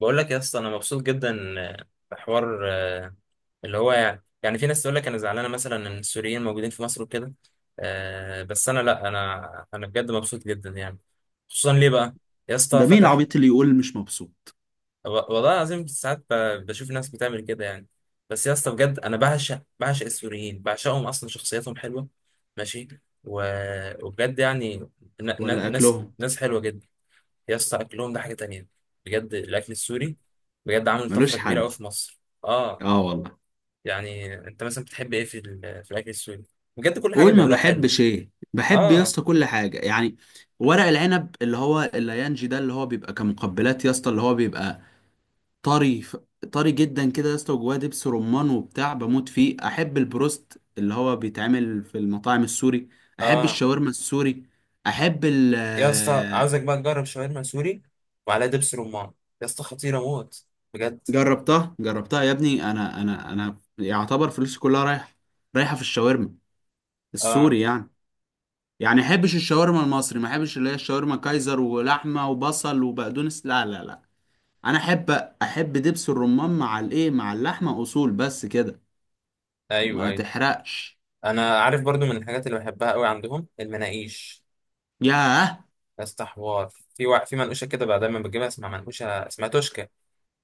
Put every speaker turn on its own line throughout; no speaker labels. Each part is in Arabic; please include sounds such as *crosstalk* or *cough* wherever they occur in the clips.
بقول لك يا اسطى انا مبسوط جدا بحوار، اللي هو يعني في ناس تقول لك انا زعلانه مثلا ان السوريين موجودين في مصر وكده. بس انا لا، انا بجد مبسوط جدا يعني. خصوصا ليه بقى يا اسطى؟
ده مين
فتح.
العبيط اللي يقول مش مبسوط؟
و- والله العظيم ساعات بشوف ناس بتعمل كده يعني. بس يا اسطى بجد انا بعشق بعشق السوريين، بعشقهم. اصلا شخصياتهم حلوه. ماشي. وبجد يعني
ولا
ناس
اكلهم؟
ناس حلوه جدا. يا اسطى اكلهم ده حاجه تانية. بجد الاكل السوري بجد عامل
ملوش
طفره كبيره قوي
حل.
في مصر. اه،
اه والله.
يعني انت مثلا بتحب ايه في في الاكل السوري؟ بجد كل حاجه
قول ما
بيعملوها حلوه.
بحبش، ايه بحب يا
اه
اسطى؟ كل حاجه يعني، ورق العنب اللي هو الليانجي ده، اللي هو بيبقى كمقبلات يا اسطى، اللي هو بيبقى طري ف- طري جدا كده يا اسطى، وجواه دبس رمان وبتاع، بموت فيه. احب البروست اللي هو بيتعمل في المطاعم السوري، احب
اه.
الشاورما السوري. احب ال
يا اسطى
آه،
عاوزك بقى تجرب شاورما سوري وعليها دبس رمان. يا اسطى خطيره موت، بجد.
جربتها يا ابني، انا يعتبر فلوسي كلها رايحه، رايحه في الشاورما
اه،
السوري يعني احبش الشاورما المصري، ما احبش اللي هي الشاورما كايزر ولحمه وبصل وبقدونس، لا لا لا. انا احب دبس الرمان مع الايه، مع اللحمه، اصول بس كده.
ايوه
ما
ايوه.
تحرقش.
انا عارف برضو من الحاجات اللي بحبها قوي عندهم المناقيش.
ياه
يا اسطى حوار. في منقوشه كده بقى دايما بجيبها اسمها منقوشه، اسمها توشكا.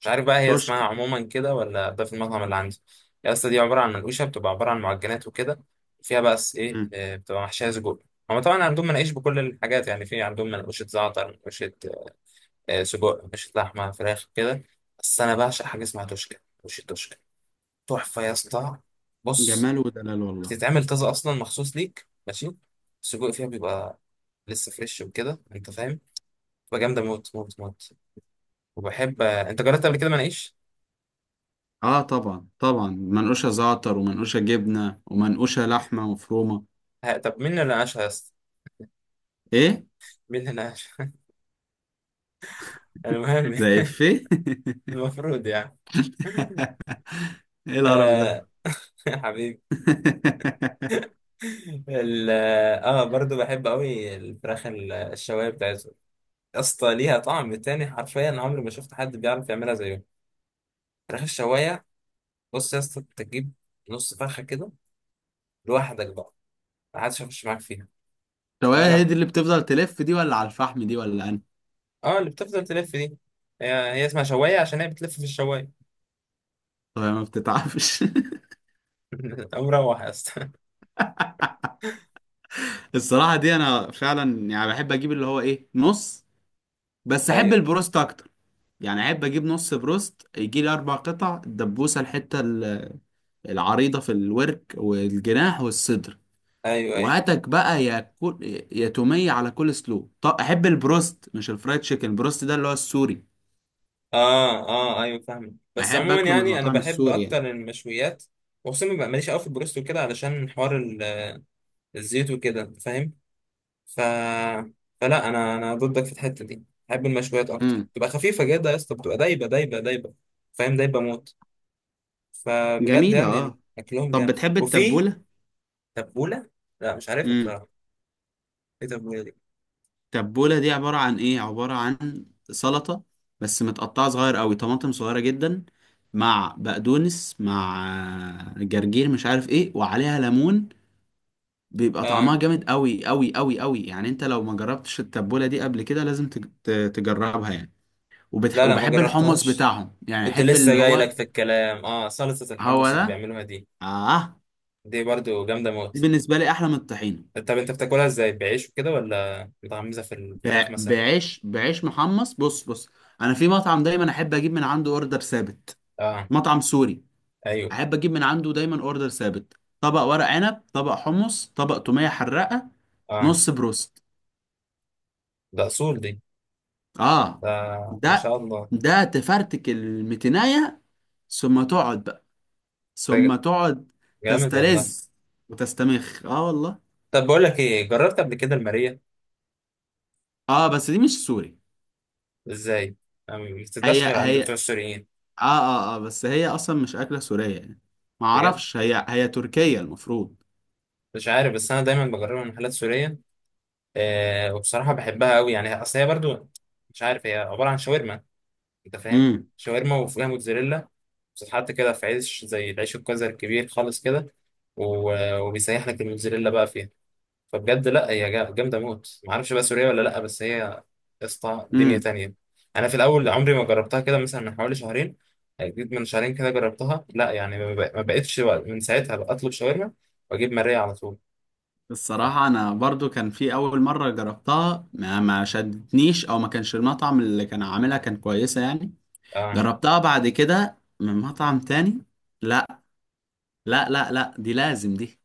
مش عارف بقى هي اسمها
توشكا.
عموما كده ولا ده في المطعم اللي عندي. يا اسطى دي عباره عن منقوشه، بتبقى عباره عن معجنات وكده. فيها بقى ايه،
مم.
بتبقى محشيه سجق. هما طبعا عندهم مناقيش بكل الحاجات. يعني في عندهم منقوشه زعتر، منقوشه سجق، منقوشه لحمه، فراخ كده. بس انا بعشق حاجه اسمها توشكا، منقوشه توشكا. تحفه يا اسطى. بص،
جمال ودلال والله.
بتتعمل طازه اصلا مخصوص ليك، ماشي. السجق فيها بيبقى لسه فريش وكده، انت فاهم. بتبقى جامده موت موت موت. وبحب. انت جربت قبل كده مناقيش؟
اه طبعا طبعا، منقوشه زعتر ومنقوشه جبنه ومنقوشه لحمه مفرومه.
ها، طب مين اللي ناقشها يا اسطى؟
ايه
مين هنا؟ *laughs* المهم.
ده؟ افيه.
*laughs* المفروض يعني.
*laughs* ايه القرف
آه.
ده؟
*laughs* يا حبيبي.
*laughs*
ال- اه، برضو بحب قوي الفراخ الشوايه بتاعتهم. يا اسطى ليها طعم تاني، حرفيا عمري ما شفت حد بيعرف يعملها زيهم. فراخ الشوايه. بص يا اسطى انت تجيب نص فرخه كده لوحدك بقى، ما حدش هيخش معاك فيها. لا
شوايه، هي
لا،
دي اللي بتفضل تلف دي، ولا على الفحم دي، ولا انا؟
اه اللي بتفضل تلف دي. هي هي اسمها شوايه عشان هي بتلف في الشوايه.
طب ما بتتعبش. *laughs*
*laughs* مروح يا اسطى *laughs*
الصراحة دي أنا فعلا يعني بحب أجيب اللي هو إيه، نص، بس أحب
ايوه
البروست أكتر يعني. أحب أجيب نص بروست يجي لي أربع قطع، الدبوسة، الحتة العريضة في الورك والجناح والصدر،
ايوه ايوه.
وهاتك بقى يا كل، يا تومية على كل سلو. طب أحب البروست، مش الفرايد تشيكن، البروست ده اللي هو السوري،
اه اه، ايوه فاهمك، بس
أحب
عموما
أكله من
يعني انا
المطاعم
بحب
السوري يعني.
اكتر المشويات. وخصوصا ببقى ماليش قوي في البروست وكده علشان حوار الزيوت وكده، انت فاهم. ف فلا، انا ضدك في الحته دي، بحب المشويات اكتر.
امم
تبقى خفيفه جدا يا اسطى، بتبقى دايبه دايبه دايبه. فاهم، دايبه موت. فبجد
جميلة
يعني
أه.
اكلهم
طب
جامد،
بتحب
وفي
التبولة؟
تبوله. لا مش عارفها بصراحه، ايه التبوله دي؟
تبولة دي عبارة عن ايه؟ عبارة عن سلطة بس متقطعة صغير قوي، طماطم صغيرة جدا مع بقدونس مع جرجير مش عارف ايه، وعليها ليمون. بيبقى
اه.
طعمها جامد قوي قوي قوي قوي يعني. انت لو ما جربتش التبولة دي قبل كده لازم تجربها يعني.
لا لا، ما
وبحب الحمص
جربتهاش.
بتاعهم يعني،
كنت
احب
لسه
اللي
جاي لك
هو،
في الكلام. اه، صلصه
هو
الحمص اللي
ده.
بيعملوها دي،
اه.
دي برضو جامده
دي
موت.
بالنسبة لي احلى من الطحينة.
طب انت بتاكلها ازاي، بعيش وكده ولا متغمسه في
ب...
الفراخ مثلا؟
بعيش محمص. بص انا في مطعم دايما احب اجيب من عنده اوردر ثابت،
اه.
مطعم سوري.
ايوه.
احب اجيب من عنده دايما اوردر ثابت: طبق ورق عنب، طبق حمص، طبق تومية حراقة،
اه.
نص بروست.
ده اصول دي.
اه
ده ما
ده
شاء الله.
ده تفرتك المتناية، ثم تقعد بقى،
ده
ثم تقعد،
جامد والله.
تسترز وتستمخ. اه والله.
طب بقول لك ايه، جربت قبل كده الماريه؟
اه بس دي مش سوري.
ازاي؟ ما بتتباعش
هي
غير عند
هي
بتوع
اه
السوريين؟
اه اه، بس هي اصلا مش اكلة سورية يعني. ما
بجد
اعرفش، هي تركية المفروض.
مش عارف، بس انا دايما بجربها من محلات سوريه. آه، وبصراحه بحبها قوي يعني. اصل هي برضو مش عارف، هي عباره عن شاورما، انت فاهم.
امم
شاورما وفيها موتزاريلا، بتتحط كده في عيش زي العيش الكوزر الكبير خالص كده. وبيسيح لك الموتزاريلا بقى فيها. فبجد لا، هي جامده موت. ما اعرفش بقى سوريه ولا لا، بس هي يا اسطى دنيا
امم.
تانية. انا في الاول عمري ما جربتها، كده مثلا من حوالي شهرين. يعني جيت من شهرين كده جربتها. لا يعني ما بقتش بقى، من ساعتها بقى اطلب شاورما واجيب ماريا على طول. صح.
الصراحة أنا برضو كان في أول مرة جربتها ما شدتنيش، أو ما كانش المطعم اللي كان عاملها كان كويسة يعني.
اه.
جربتها بعد كده من مطعم تاني، لا لا لا لا، دي لازم دي،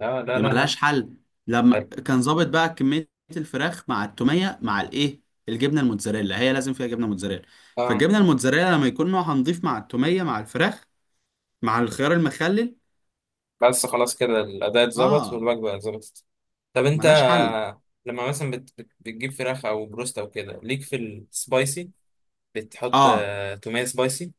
لا لا
دي
لا لا.
ملهاش حل لما
حلو.
كان ظابط بقى كمية الفراخ مع التومية مع الإيه، الجبنة الموتزاريلا، هي لازم فيها جبنة موتزاريلا.
اه،
فالجبنة الموتزاريلا لما يكون نوعها نضيف مع التومية مع الفراخ مع الخيار المخلل.
بس خلاص كده الاداء اتظبط
آه
والوجبه اتظبطت. طب انت
ملهاش حل.
لما مثلا بتجيب فراخ او بروست او كده ليك في السبايسي، بتحط
آه
توميه سبايسي؟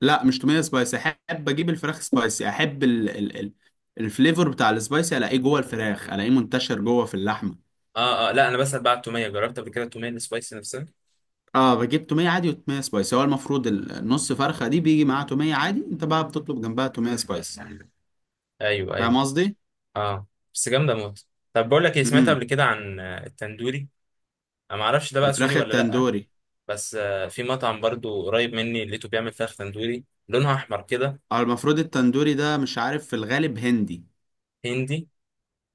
لا، مش توميه سبايسي، احب اجيب الفراخ سبايسي، احب ال الفليفر بتاع السبايسي، الاقيه جوه الفراخ، الاقيه منتشر جوه في اللحمه.
اه اه، لا انا بسأل بقى على التوميه. جربت قبل كده التوميه السبايسي نفسها؟
اه بجيب توميه عادي وتوميه سبايسي، هو المفروض النص فرخه دي بيجي معاها توميه عادي، انت بقى بتطلب جنبها توميه سبايسي.
ايوه ايوه.
فاهم قصدي؟
اه بس جامده موت. طب بقول لك ايه، سمعت
امم
قبل كده عن التندوري؟ انا ما اعرفش ده بقى سوري
الفراخ
ولا لا،
التندوري.
بس في مطعم برضو قريب مني لقيته بيعمل فراخ تندوري لونها احمر كده.
اه المفروض التندوري ده، مش عارف، في الغالب هندي.
هندي؟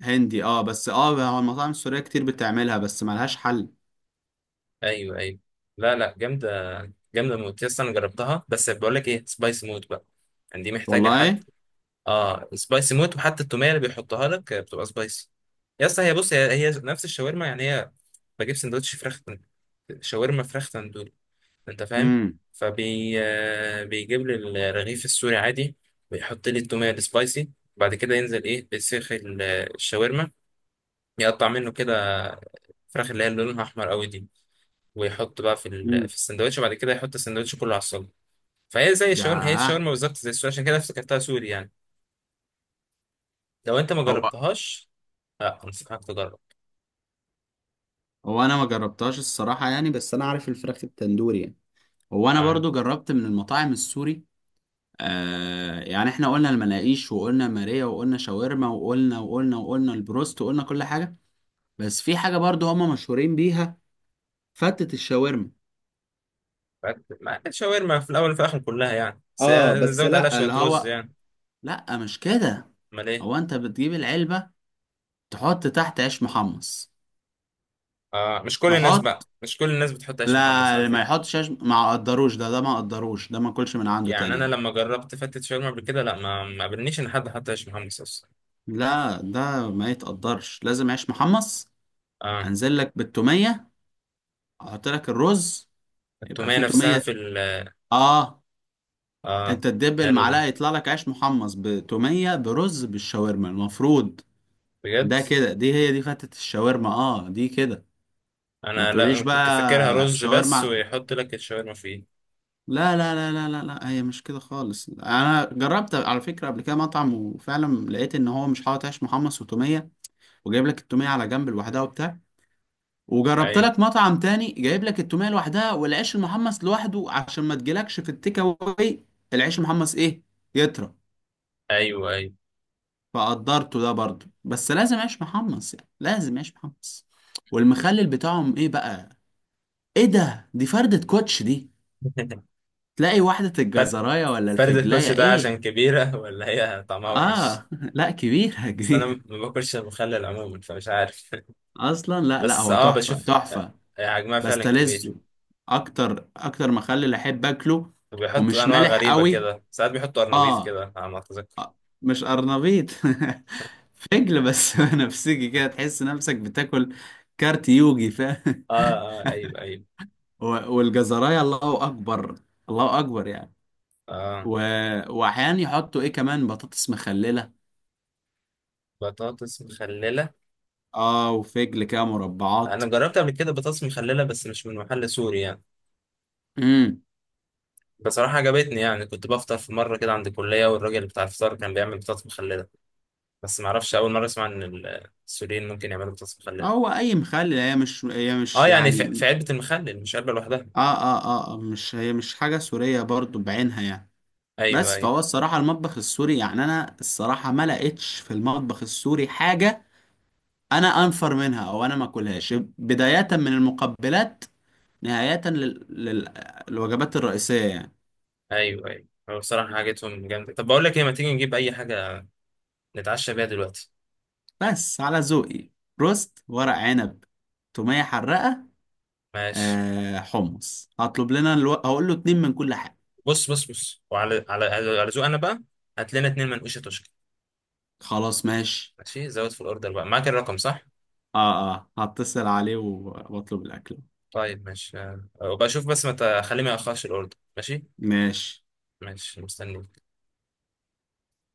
هندي اه، بس اه، هو المطاعم السوريه كتير بتعملها بس ملهاش حل.
ايوه ايوه. لا لا، جامده جامده موت. يس انا جربتها. بس بقول لك ايه، سبايسي موت بقى، يعني دي محتاجه حد.
والله.
اه، سبايسي موت. وحتى التوميه اللي بيحطها لك بتبقى سبايسي. يس هي بص، هي هي نفس الشاورما يعني. هي بجيب سندوتش فراخ، شاورما فراخ تندوري، انت فاهم.
امم
فبي آه، بيجيب لي الرغيف السوري عادي، ويحط لي التوميه السبايسي. بعد كده ينزل ايه، بسيخ الشاورما. يقطع منه كده فراخ، اللي هي اللي لونها احمر قوي دي. ويحط بقى في
امم
في السندوتش، وبعد كده يحط السندوتش كله على الصاج. فهي زي الشاورما، هي
ياه.
الشاورما بالظبط زي السوري، عشان كده افتكرتها سوري يعني. لو انت ما
هو،
جربتهاش، لا انصحك تجرب.
انا ما جربتهاش الصراحه يعني، بس انا عارف الفراخ التندوري يعني. هو انا
اه.
برضو جربت من المطاعم السوري. آه يعني احنا قلنا المناقيش، وقلنا ماريا، وقلنا شاورما، وقلنا وقلنا وقلنا البروست، وقلنا كل حاجه. بس في حاجه برضو هما مشهورين بيها: فتة الشاورما.
الشاورما في الاول وفي الاخر كلها يعني، بس
اه
هي
بس
زود عليها
لا،
شويه
اللي
رز
هو،
يعني.
لا مش كده،
امال ايه؟
هو انت بتجيب العلبه، تحط تحت عيش محمص،
آه، مش كل الناس
تحط.
بقى، مش كل الناس بتحط عيش محمص على
لا، ما
فكرة.
يحطش عيش، ما قدروش ده، ما قدروش ده، ما كلش من عنده
يعني
تاني
أنا
ده.
لما جربت فتة شاورما قبل كده، لا ما قابلنيش إن حد حط عيش محمص أصلا.
لا ده ما يتقدرش، لازم عيش محمص.
آه،
انزل لك بالتوميه، احط لك الرز، يبقى
التومية
فيه
نفسها
توميه.
في ال...
اه.
آه،
انت تدب
حلو
المعلقه،
ده،
يطلع لك عيش محمص بتوميه برز بالشاورما المفروض.
بجد.
ده كده، دي هي دي فتة الشاورما، اه دي كده. ما
أنا لا،
تقوليش
أنا كنت فاكرها
بقى
رز بس
شاورما.
ويحط لك الشاورما فيه.
لا لا لا لا لا لا، هي مش كده خالص. انا جربت على فكره قبل كده مطعم، وفعلا لقيت ان هو مش حاطط عيش محمص وتوميه، وجايب لك التوميه على جنب لوحدها وبتاع. وجربت
أيوه
لك مطعم تاني جايب لك التوميه لوحدها والعيش المحمص لوحده، عشان ما تجيلكش في التيك اواي العيش المحمص ايه، يطرى.
أيوه أيوه.
فقدرته ده برضه، بس لازم عيش محمص يعني، لازم عيش محمص. والمخلل بتاعهم ايه بقى؟ ايه ده؟ دي فردة كوتش دي،
*laughs*
تلاقي واحدة
فرد،
الجزراية ولا
فرد الكوتش
الفجلاية
ده عشان
ايه.
كبيرة *laughs* ولا هي طعمها وحش؟
اه، *laughs* لا كبيرة
بس أنا ما
كبيرة
باكلش مخلل عموما، فمش عارف.
اصلا.
*laughs*
لا لا،
بس
هو
آه،
تحفة
بشوف
تحفة.
حجمها فعلا كبير.
بستلذه اكتر، اكتر مخلل احب اكله،
وبيحطوا
ومش
انواع
مالح
غريبه
قوي.
كده، ساعات بيحطوا قرنبيط
اه
كده على ما اتذكر.
مش قرنبيط، *laughs* فجل بس، *laughs* نفسجي كده، تحس نفسك بتاكل كارت يوجي، فاهم؟
اه اه، ايوه ايوه.
و- والجزرايه الله اكبر، الله اكبر يعني.
اه،
و... واحيانا يحطوا ايه كمان، بطاطس مخلله.
بطاطس مخلله.
اه وفجل كده مربعات.
انا جربت قبل كده بطاطس مخلله بس مش من محل سوري يعني.
امم.
بصراحه عجبتني يعني. كنت بفطر في مره كده عند الكليه والراجل بتاع الفطار كان بيعمل بطاطس مخلله. بس ما اعرفش، اول مره اسمع ان السوريين ممكن يعملوا بطاطس مخلله.
هو اي مخلل، هي مش، هي
اه
مش
يعني في
يعني،
في علبه المخلل، مش علبه لوحدها.
اه اه اه، مش هي، مش حاجه سوريه برضو بعينها يعني.
ايوه
بس
ايوه
فهو الصراحه، المطبخ السوري يعني، انا الصراحه ما لقيتش في المطبخ السوري حاجه انا انفر منها، او انا ما اكلهاش، بداية من المقبلات نهاية الوجبات الرئيسية يعني.
ايوه ايوه. هو بصراحه حاجتهم جامده. طب بقول لك ايه، ما تيجي نجيب اي حاجه نتعشى بيها دلوقتي؟
بس على ذوقي: روست، ورق عنب، تومية حرقة،
ماشي.
آه حمص، هطلب لنا هقول له اتنين من كل حاجة.
بص بص بص، وعلى على على على ذوق انا بقى، هات لنا اتنين منقوشه تشكي.
خلاص ماشي.
ماشي، زود في الاوردر بقى، معاك الرقم صح؟
اه اه، هتصل عليه واطلب الاكل.
طيب ماشي، وبشوف بس ما تخليه ما ياخرش الاوردر، ماشي؟
ماشي.
ماشي مستنيك.